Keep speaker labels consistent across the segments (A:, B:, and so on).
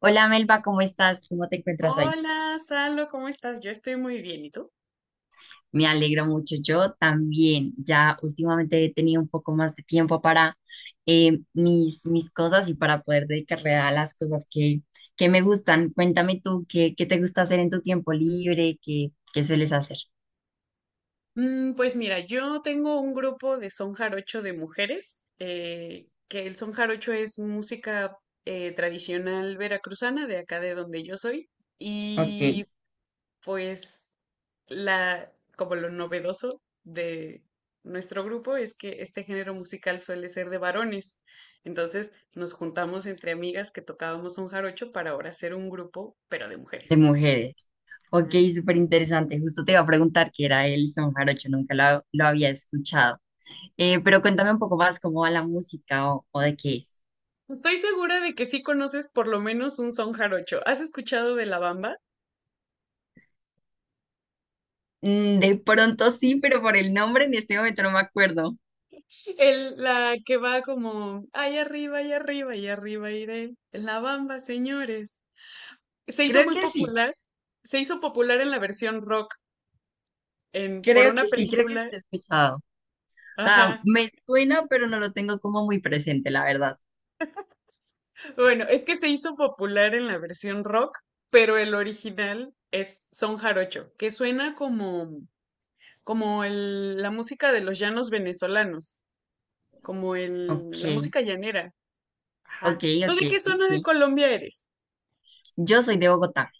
A: Hola, Melba, ¿cómo estás? ¿Cómo te encuentras hoy?
B: Hola, Salo, ¿cómo estás? Yo estoy muy bien, ¿y tú?
A: Me alegro mucho. Yo también. Ya últimamente he tenido un poco más de tiempo para mis cosas y para poder dedicarle a las cosas que me gustan. Cuéntame tú, qué te gusta hacer en tu tiempo libre? Qué sueles hacer?
B: Pues mira, yo tengo un grupo de son jarocho de mujeres, que el son jarocho es música tradicional veracruzana de acá de donde yo soy,
A: Ok,
B: y pues la, como lo novedoso de nuestro grupo es que este género musical suele ser de varones, entonces nos juntamos entre amigas que tocábamos son jarocho para ahora hacer un grupo, pero de
A: de
B: mujeres.
A: mujeres. Ok, súper interesante. Justo te iba a preguntar qué era el son jarocho, nunca lo había escuchado. Pero cuéntame un poco más cómo va la música o de qué es.
B: Estoy segura de que sí conoces por lo menos un son jarocho. ¿Has escuchado de la bamba?
A: Mm, de pronto sí, pero por el nombre en este momento no me acuerdo.
B: La que va como, ay arriba, y arriba iré. La bamba, señores. Se hizo
A: Creo
B: muy
A: que sí,
B: popular. Se hizo popular en la versión rock, por una
A: Creo que sí
B: película.
A: lo he escuchado. O sea,
B: Ajá.
A: me suena, pero no lo tengo como muy presente, la verdad.
B: Bueno, es que se hizo popular en la versión rock, pero el original es son jarocho, que suena como, la música de los llanos venezolanos,
A: Ok,
B: la música llanera.
A: ok,
B: Ajá. ¿Tú
A: ok,
B: de qué zona de
A: sí.
B: Colombia eres?
A: Yo soy de Bogotá.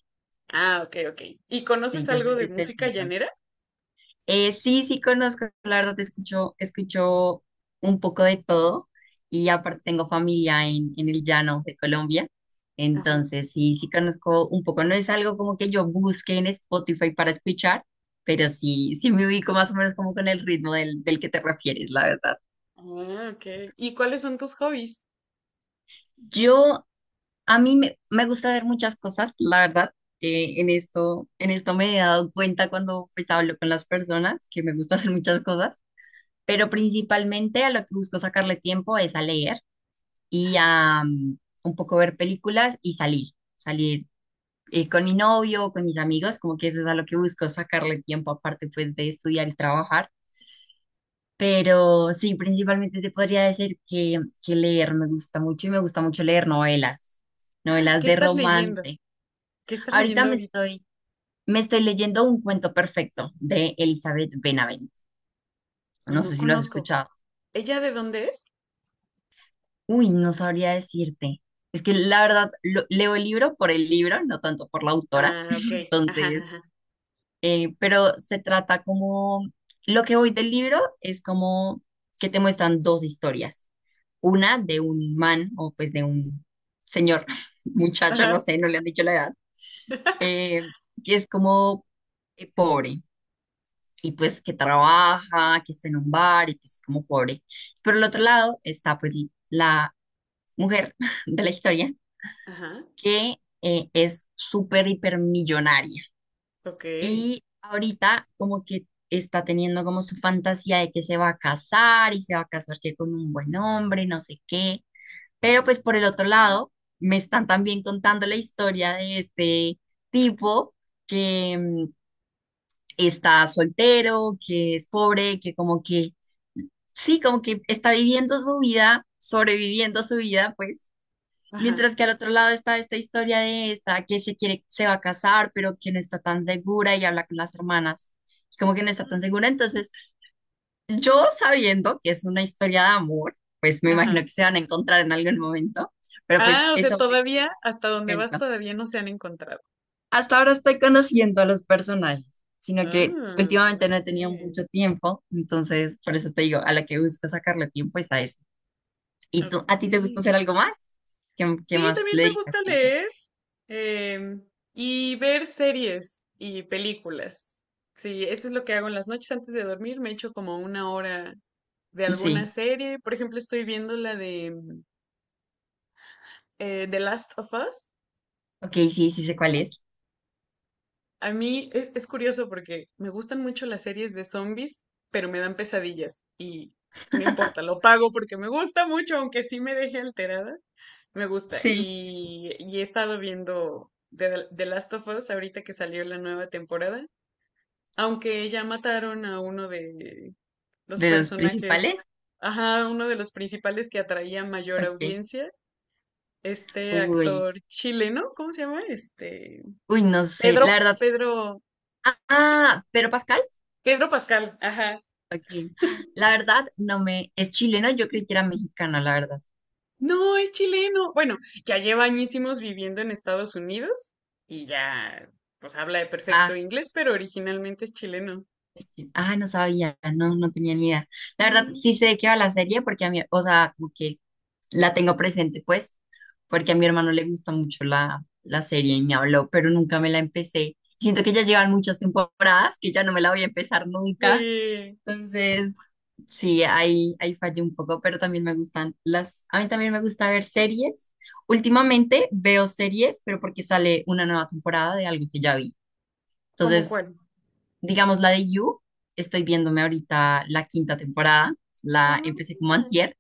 B: Ah, ok, ok. ¿Y
A: Sí,
B: conoces
A: yo
B: algo
A: soy
B: de
A: del
B: música
A: centro.
B: llanera?
A: Sí conozco, la verdad, escucho un poco de todo, y aparte tengo familia en el llano de Colombia.
B: Ajá.
A: Entonces sí, sí conozco un poco, no es algo como que yo busque en Spotify para escuchar, pero sí, sí me ubico más o menos como con el ritmo del que te refieres, la verdad.
B: Ah, ok. ¿Y cuáles son tus hobbies?
A: Yo, me gusta ver muchas cosas, la verdad. En esto me he dado cuenta cuando pues hablo con las personas que me gusta hacer muchas cosas, pero principalmente a lo que busco sacarle tiempo es a leer y a un poco ver películas y salir con mi novio o con mis amigos, como que eso es a lo que busco sacarle tiempo, aparte pues de estudiar y trabajar. Pero sí, principalmente te podría decir que leer me gusta mucho y me gusta mucho leer
B: Ah,
A: novelas
B: ¿qué
A: de
B: estás leyendo?
A: romance.
B: ¿Qué estás
A: Ahorita
B: leyendo
A: me
B: ahorita?
A: estoy, Me estoy leyendo Un cuento perfecto de Elizabeth Benavent. No sé
B: No
A: si lo has
B: conozco.
A: escuchado.
B: ¿Ella de dónde es?
A: Uy, no sabría decirte. Es que la verdad, leo el libro por el libro, no tanto por la autora.
B: Ah, ok. Ajá,
A: Entonces,
B: ajá.
A: pero se trata como, lo que voy del libro es como que te muestran dos historias. Una de un man o pues de un señor, muchacho, no
B: Ajá.
A: sé, no le han dicho la edad, eh, que es como pobre y pues que trabaja, que está en un bar y que es como pobre. Pero el otro lado está pues la mujer de la historia
B: Ajá.
A: que es súper hipermillonaria.
B: Ok.
A: Y ahorita como que está teniendo como su fantasía de que se va a casar y se va a casar que con un buen hombre, no sé qué. Pero pues por el otro lado, me están también contando la historia de este tipo que está soltero, que es pobre, que como que, sí, como que está viviendo su vida, sobreviviendo su vida, pues
B: Ajá.
A: mientras que al otro lado está esta historia de esta que se quiere, se va a casar, pero que no está tan segura y habla con las hermanas. Y como que no está tan segura. Entonces, yo sabiendo que es una historia de amor, pues me
B: Ajá.
A: imagino que se van a encontrar en algún momento. Pero pues
B: Ah, o sea,
A: eso me
B: todavía, hasta
A: me
B: donde vas,
A: cuento.
B: todavía no se han encontrado.
A: Hasta ahora estoy conociendo a los personajes, sino que
B: Ah,
A: últimamente no he tenido
B: ok.
A: mucho tiempo. Entonces, por eso te digo, a la que busco sacarle tiempo es a eso. ¿Y tú, a
B: Ok.
A: ti te gusta hacer algo más? Qué
B: Sí,
A: más
B: también
A: le
B: me
A: dedicas
B: gusta
A: tiempo?
B: leer. Em, y ver series y películas. Sí, eso es lo que hago en las noches antes de dormir. Me echo como una hora de alguna
A: Sí.
B: serie. Por ejemplo, estoy viendo la de The Last of Us.
A: Ok, sí, sí sé cuál es.
B: A mí es curioso porque me gustan mucho las series de zombies, pero me dan pesadillas y no importa, lo pago porque me gusta mucho, aunque sí me deje alterada. Me gusta.
A: Sí.
B: Y he estado viendo The Last of Us ahorita que salió la nueva temporada. Aunque ya mataron a uno de los
A: ¿De los
B: personajes,
A: principales?
B: ajá, uno de los principales que atraía mayor
A: Ok.
B: audiencia, este
A: Uy,
B: actor chileno, ¿cómo se llama?
A: Uy, no sé. La
B: Pedro,
A: verdad.
B: Pedro,
A: Ah, ¿Pedro Pascal?
B: Pedro Pascal, ajá.
A: Ok. La verdad, no me. ¿Es chileno? Yo creí que era mexicano, la verdad.
B: No, es chileno. Bueno, ya lleva añísimos viviendo en Estados Unidos y ya, pues habla de perfecto
A: Ah,
B: inglés, pero originalmente es chileno.
A: ah, no sabía. No, no tenía ni idea. La verdad,
B: Sí,
A: sí sé de qué va la serie porque a mí, o sea, como que la tengo presente, pues, porque a mi hermano le gusta mucho la serie y me habló, pero nunca me la empecé. Siento que ya llevan muchas temporadas que ya no me la voy a empezar nunca.
B: de,
A: Entonces. Sí, ahí fallé un poco, pero también me gustan las, a mí también me gusta ver series. Últimamente veo series, pero porque sale una nueva temporada de algo que ya vi.
B: ¿cómo
A: Entonces,
B: cuál?
A: digamos la de You, estoy viéndome ahorita la quinta temporada, la
B: Ah,
A: empecé como antier.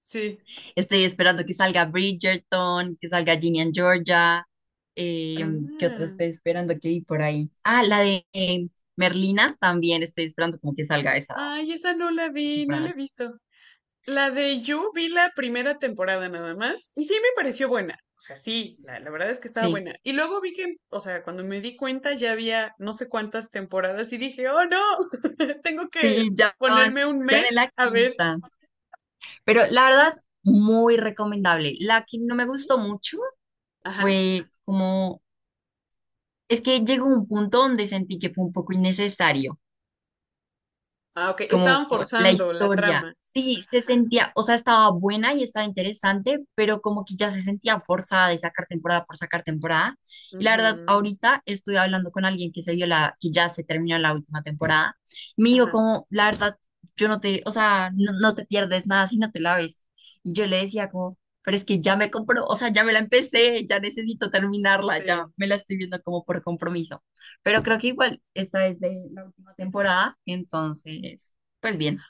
B: sí.
A: Estoy esperando que salga Bridgerton, que salga Ginny and Georgia, eh, ¿qué otra
B: Ah.
A: estoy esperando que vi por ahí? Ah, la de Merlina, también estoy esperando como que salga esa
B: Ay, esa no la vi, no la he
A: temporada.
B: visto. La de You vi la primera temporada nada más y sí me pareció buena. O sea, sí, la verdad es que estaba
A: Sí.
B: buena. Y luego vi que, o sea, cuando me di cuenta ya había no sé cuántas temporadas y dije, oh no, tengo que
A: Sí, ya van,
B: ponerme un
A: ya en
B: mes
A: la
B: a ver.
A: quinta. Pero la verdad, muy recomendable. La que no
B: Sí.
A: me gustó mucho
B: Ajá.
A: fue como, es que llegó un punto donde sentí que fue un poco innecesario.
B: Ah, ok.
A: Como
B: Estaban
A: la
B: forzando la trama.
A: historia. Sí, se
B: Ajá,
A: sentía, o sea, estaba buena y estaba interesante, pero como que ya se sentía forzada de sacar temporada por sacar temporada. Y la verdad,
B: ujú,
A: ahorita estuve hablando con alguien que se vio que ya se terminó la última temporada. Me dijo
B: ajá.
A: como, la verdad, yo no te, o sea, no, no te pierdes nada si no te la ves. Y yo le decía como, pero es que ya me compró, o sea, ya me la empecé, ya necesito terminarla, ya
B: Sí.
A: me la estoy viendo como por compromiso. Pero creo que igual esta es de la última temporada, entonces pues bien,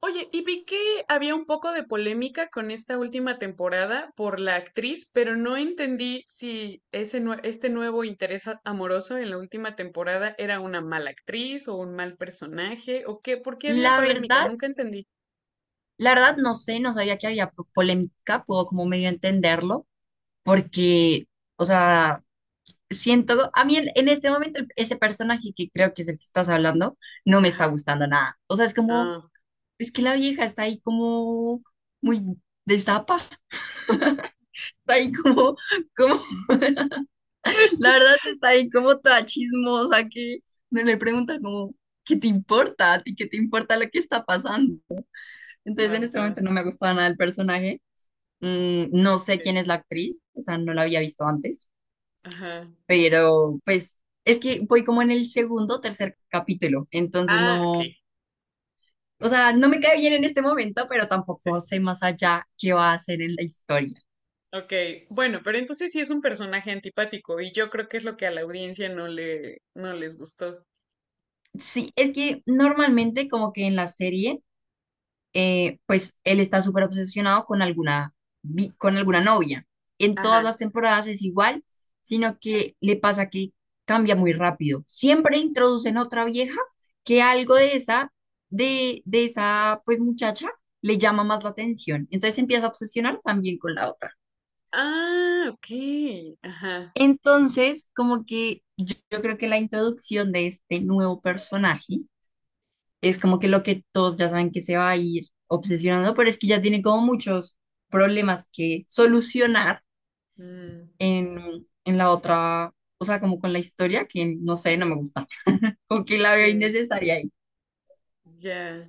B: Oye, y vi que había un poco de polémica con esta última temporada por la actriz, pero no entendí si este nuevo amoroso en la última temporada era una mala actriz o un mal personaje o qué, ¿por qué había
A: la
B: polémica?
A: verdad,
B: Nunca entendí.
A: la verdad no sé, no sabía que había polémica, puedo como medio entenderlo, porque, o sea, siento, a mí en este momento ese personaje que creo que es el que estás hablando, no me está
B: Ajá.
A: gustando nada. O sea, es como,
B: Ah,
A: es que la vieja está ahí como muy de zapa, está ahí como, la verdad está ahí como toda chismosa que me le pregunta como, ¿qué te importa? ¿A ti qué te importa lo que está pasando? Entonces en este
B: ajá,
A: momento no me ha gustado nada el personaje. Mm, no sé
B: ok.
A: quién es la actriz, o sea, no la había visto antes,
B: Ajá.
A: pero pues es que voy como en el segundo o tercer capítulo, entonces
B: Ah, ok.
A: no, o sea, no me cae bien en este momento, pero tampoco
B: Sí.
A: sé más allá qué va a hacer en la historia.
B: Ok. Bueno, pero entonces sí es un personaje antipático y yo creo que es lo que a la audiencia no les gustó.
A: Sí, es que normalmente como que en la serie pues él está súper obsesionado con con alguna novia. En todas las
B: Ajá.
A: temporadas es igual, sino que le pasa que cambia muy rápido. Siempre introducen otra vieja que algo de de esa pues muchacha le llama más la atención. Entonces se empieza a obsesionar también con la otra.
B: Ah, ok. Ajá.
A: Entonces, como que yo creo que la introducción de este nuevo personaje es como que lo que todos ya saben que se va a ir obsesionando, pero es que ya tiene como muchos problemas que solucionar
B: Mm,
A: en la otra, o sea, como con la historia, que no sé, no me
B: sí,
A: gusta, como que la veo
B: sí,
A: innecesaria ahí.
B: ya.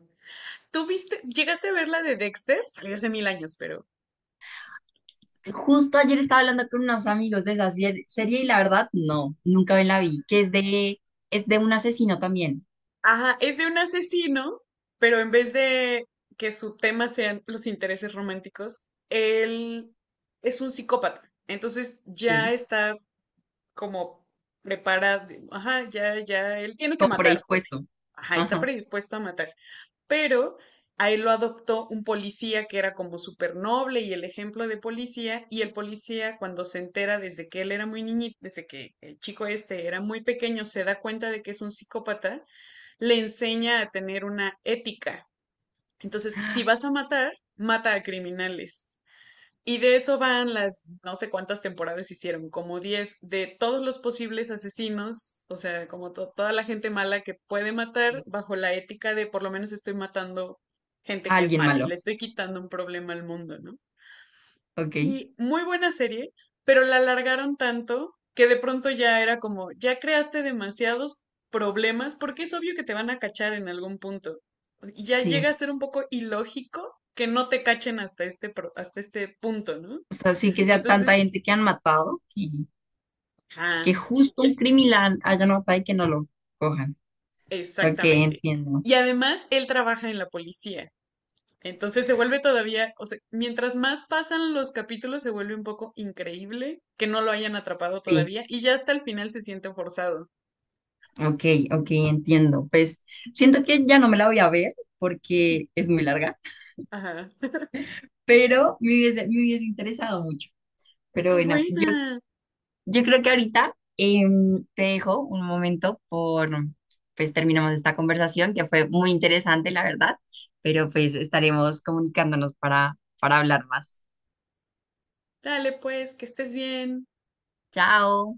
B: ¿Tú viste, llegaste a ver la de Dexter? Salió hace mil años, pero.
A: Justo ayer estaba hablando con unos amigos de esa serie y la verdad, no, nunca me la vi, que es es de un asesino también,
B: Ajá, es de un asesino, pero en vez de que su tema sean los intereses románticos, él es un psicópata. Entonces ya
A: sí,
B: está como preparado. Ajá, ya, ya, él tiene que
A: como
B: matar, pues.
A: predispuesto.
B: Ajá, está
A: Ajá,
B: predispuesto a matar. Pero a él lo adoptó un policía que era como súper noble y el ejemplo de policía, y el policía cuando se entera desde que él era muy niñito, desde que el chico este era muy pequeño, se da cuenta de que es un psicópata, le enseña a tener una ética. Entonces, si vas a matar, mata a criminales. Y de eso van no sé cuántas temporadas hicieron, como 10 de todos los posibles asesinos, o sea, toda la gente mala que puede matar
A: sí,
B: bajo la ética de por lo menos estoy matando gente que es
A: alguien
B: mala y
A: malo,
B: le estoy quitando un problema al mundo, ¿no?
A: ok,
B: Y muy buena serie, pero la alargaron tanto que de pronto ya era como, ya creaste demasiados problemas porque es obvio que te van a cachar en algún punto. Y ya llega a
A: sí.
B: ser un poco ilógico que no te cachen hasta hasta este punto, ¿no?
A: O sea, sí que sea tanta
B: Entonces,
A: gente que han matado, que
B: ajá, y
A: justo
B: ya-
A: un criminal haya matado y que no lo cojan. Ok,
B: exactamente.
A: entiendo.
B: Y además, él trabaja en la policía. Entonces se vuelve todavía, o sea, mientras más pasan los capítulos, se vuelve un poco increíble que no lo hayan atrapado
A: Sí,
B: todavía y ya hasta el final se siente forzado.
A: ok, ok, entiendo. Pues siento que ya no me la voy a ver porque es muy larga,
B: Ajá.
A: pero me hubiese interesado mucho. Pero
B: Es
A: bueno,
B: buena.
A: yo creo que ahorita te dejo un momento pues terminamos esta conversación que fue muy interesante, la verdad, pero pues estaremos comunicándonos para hablar más.
B: Dale, pues, que estés bien.
A: Chao.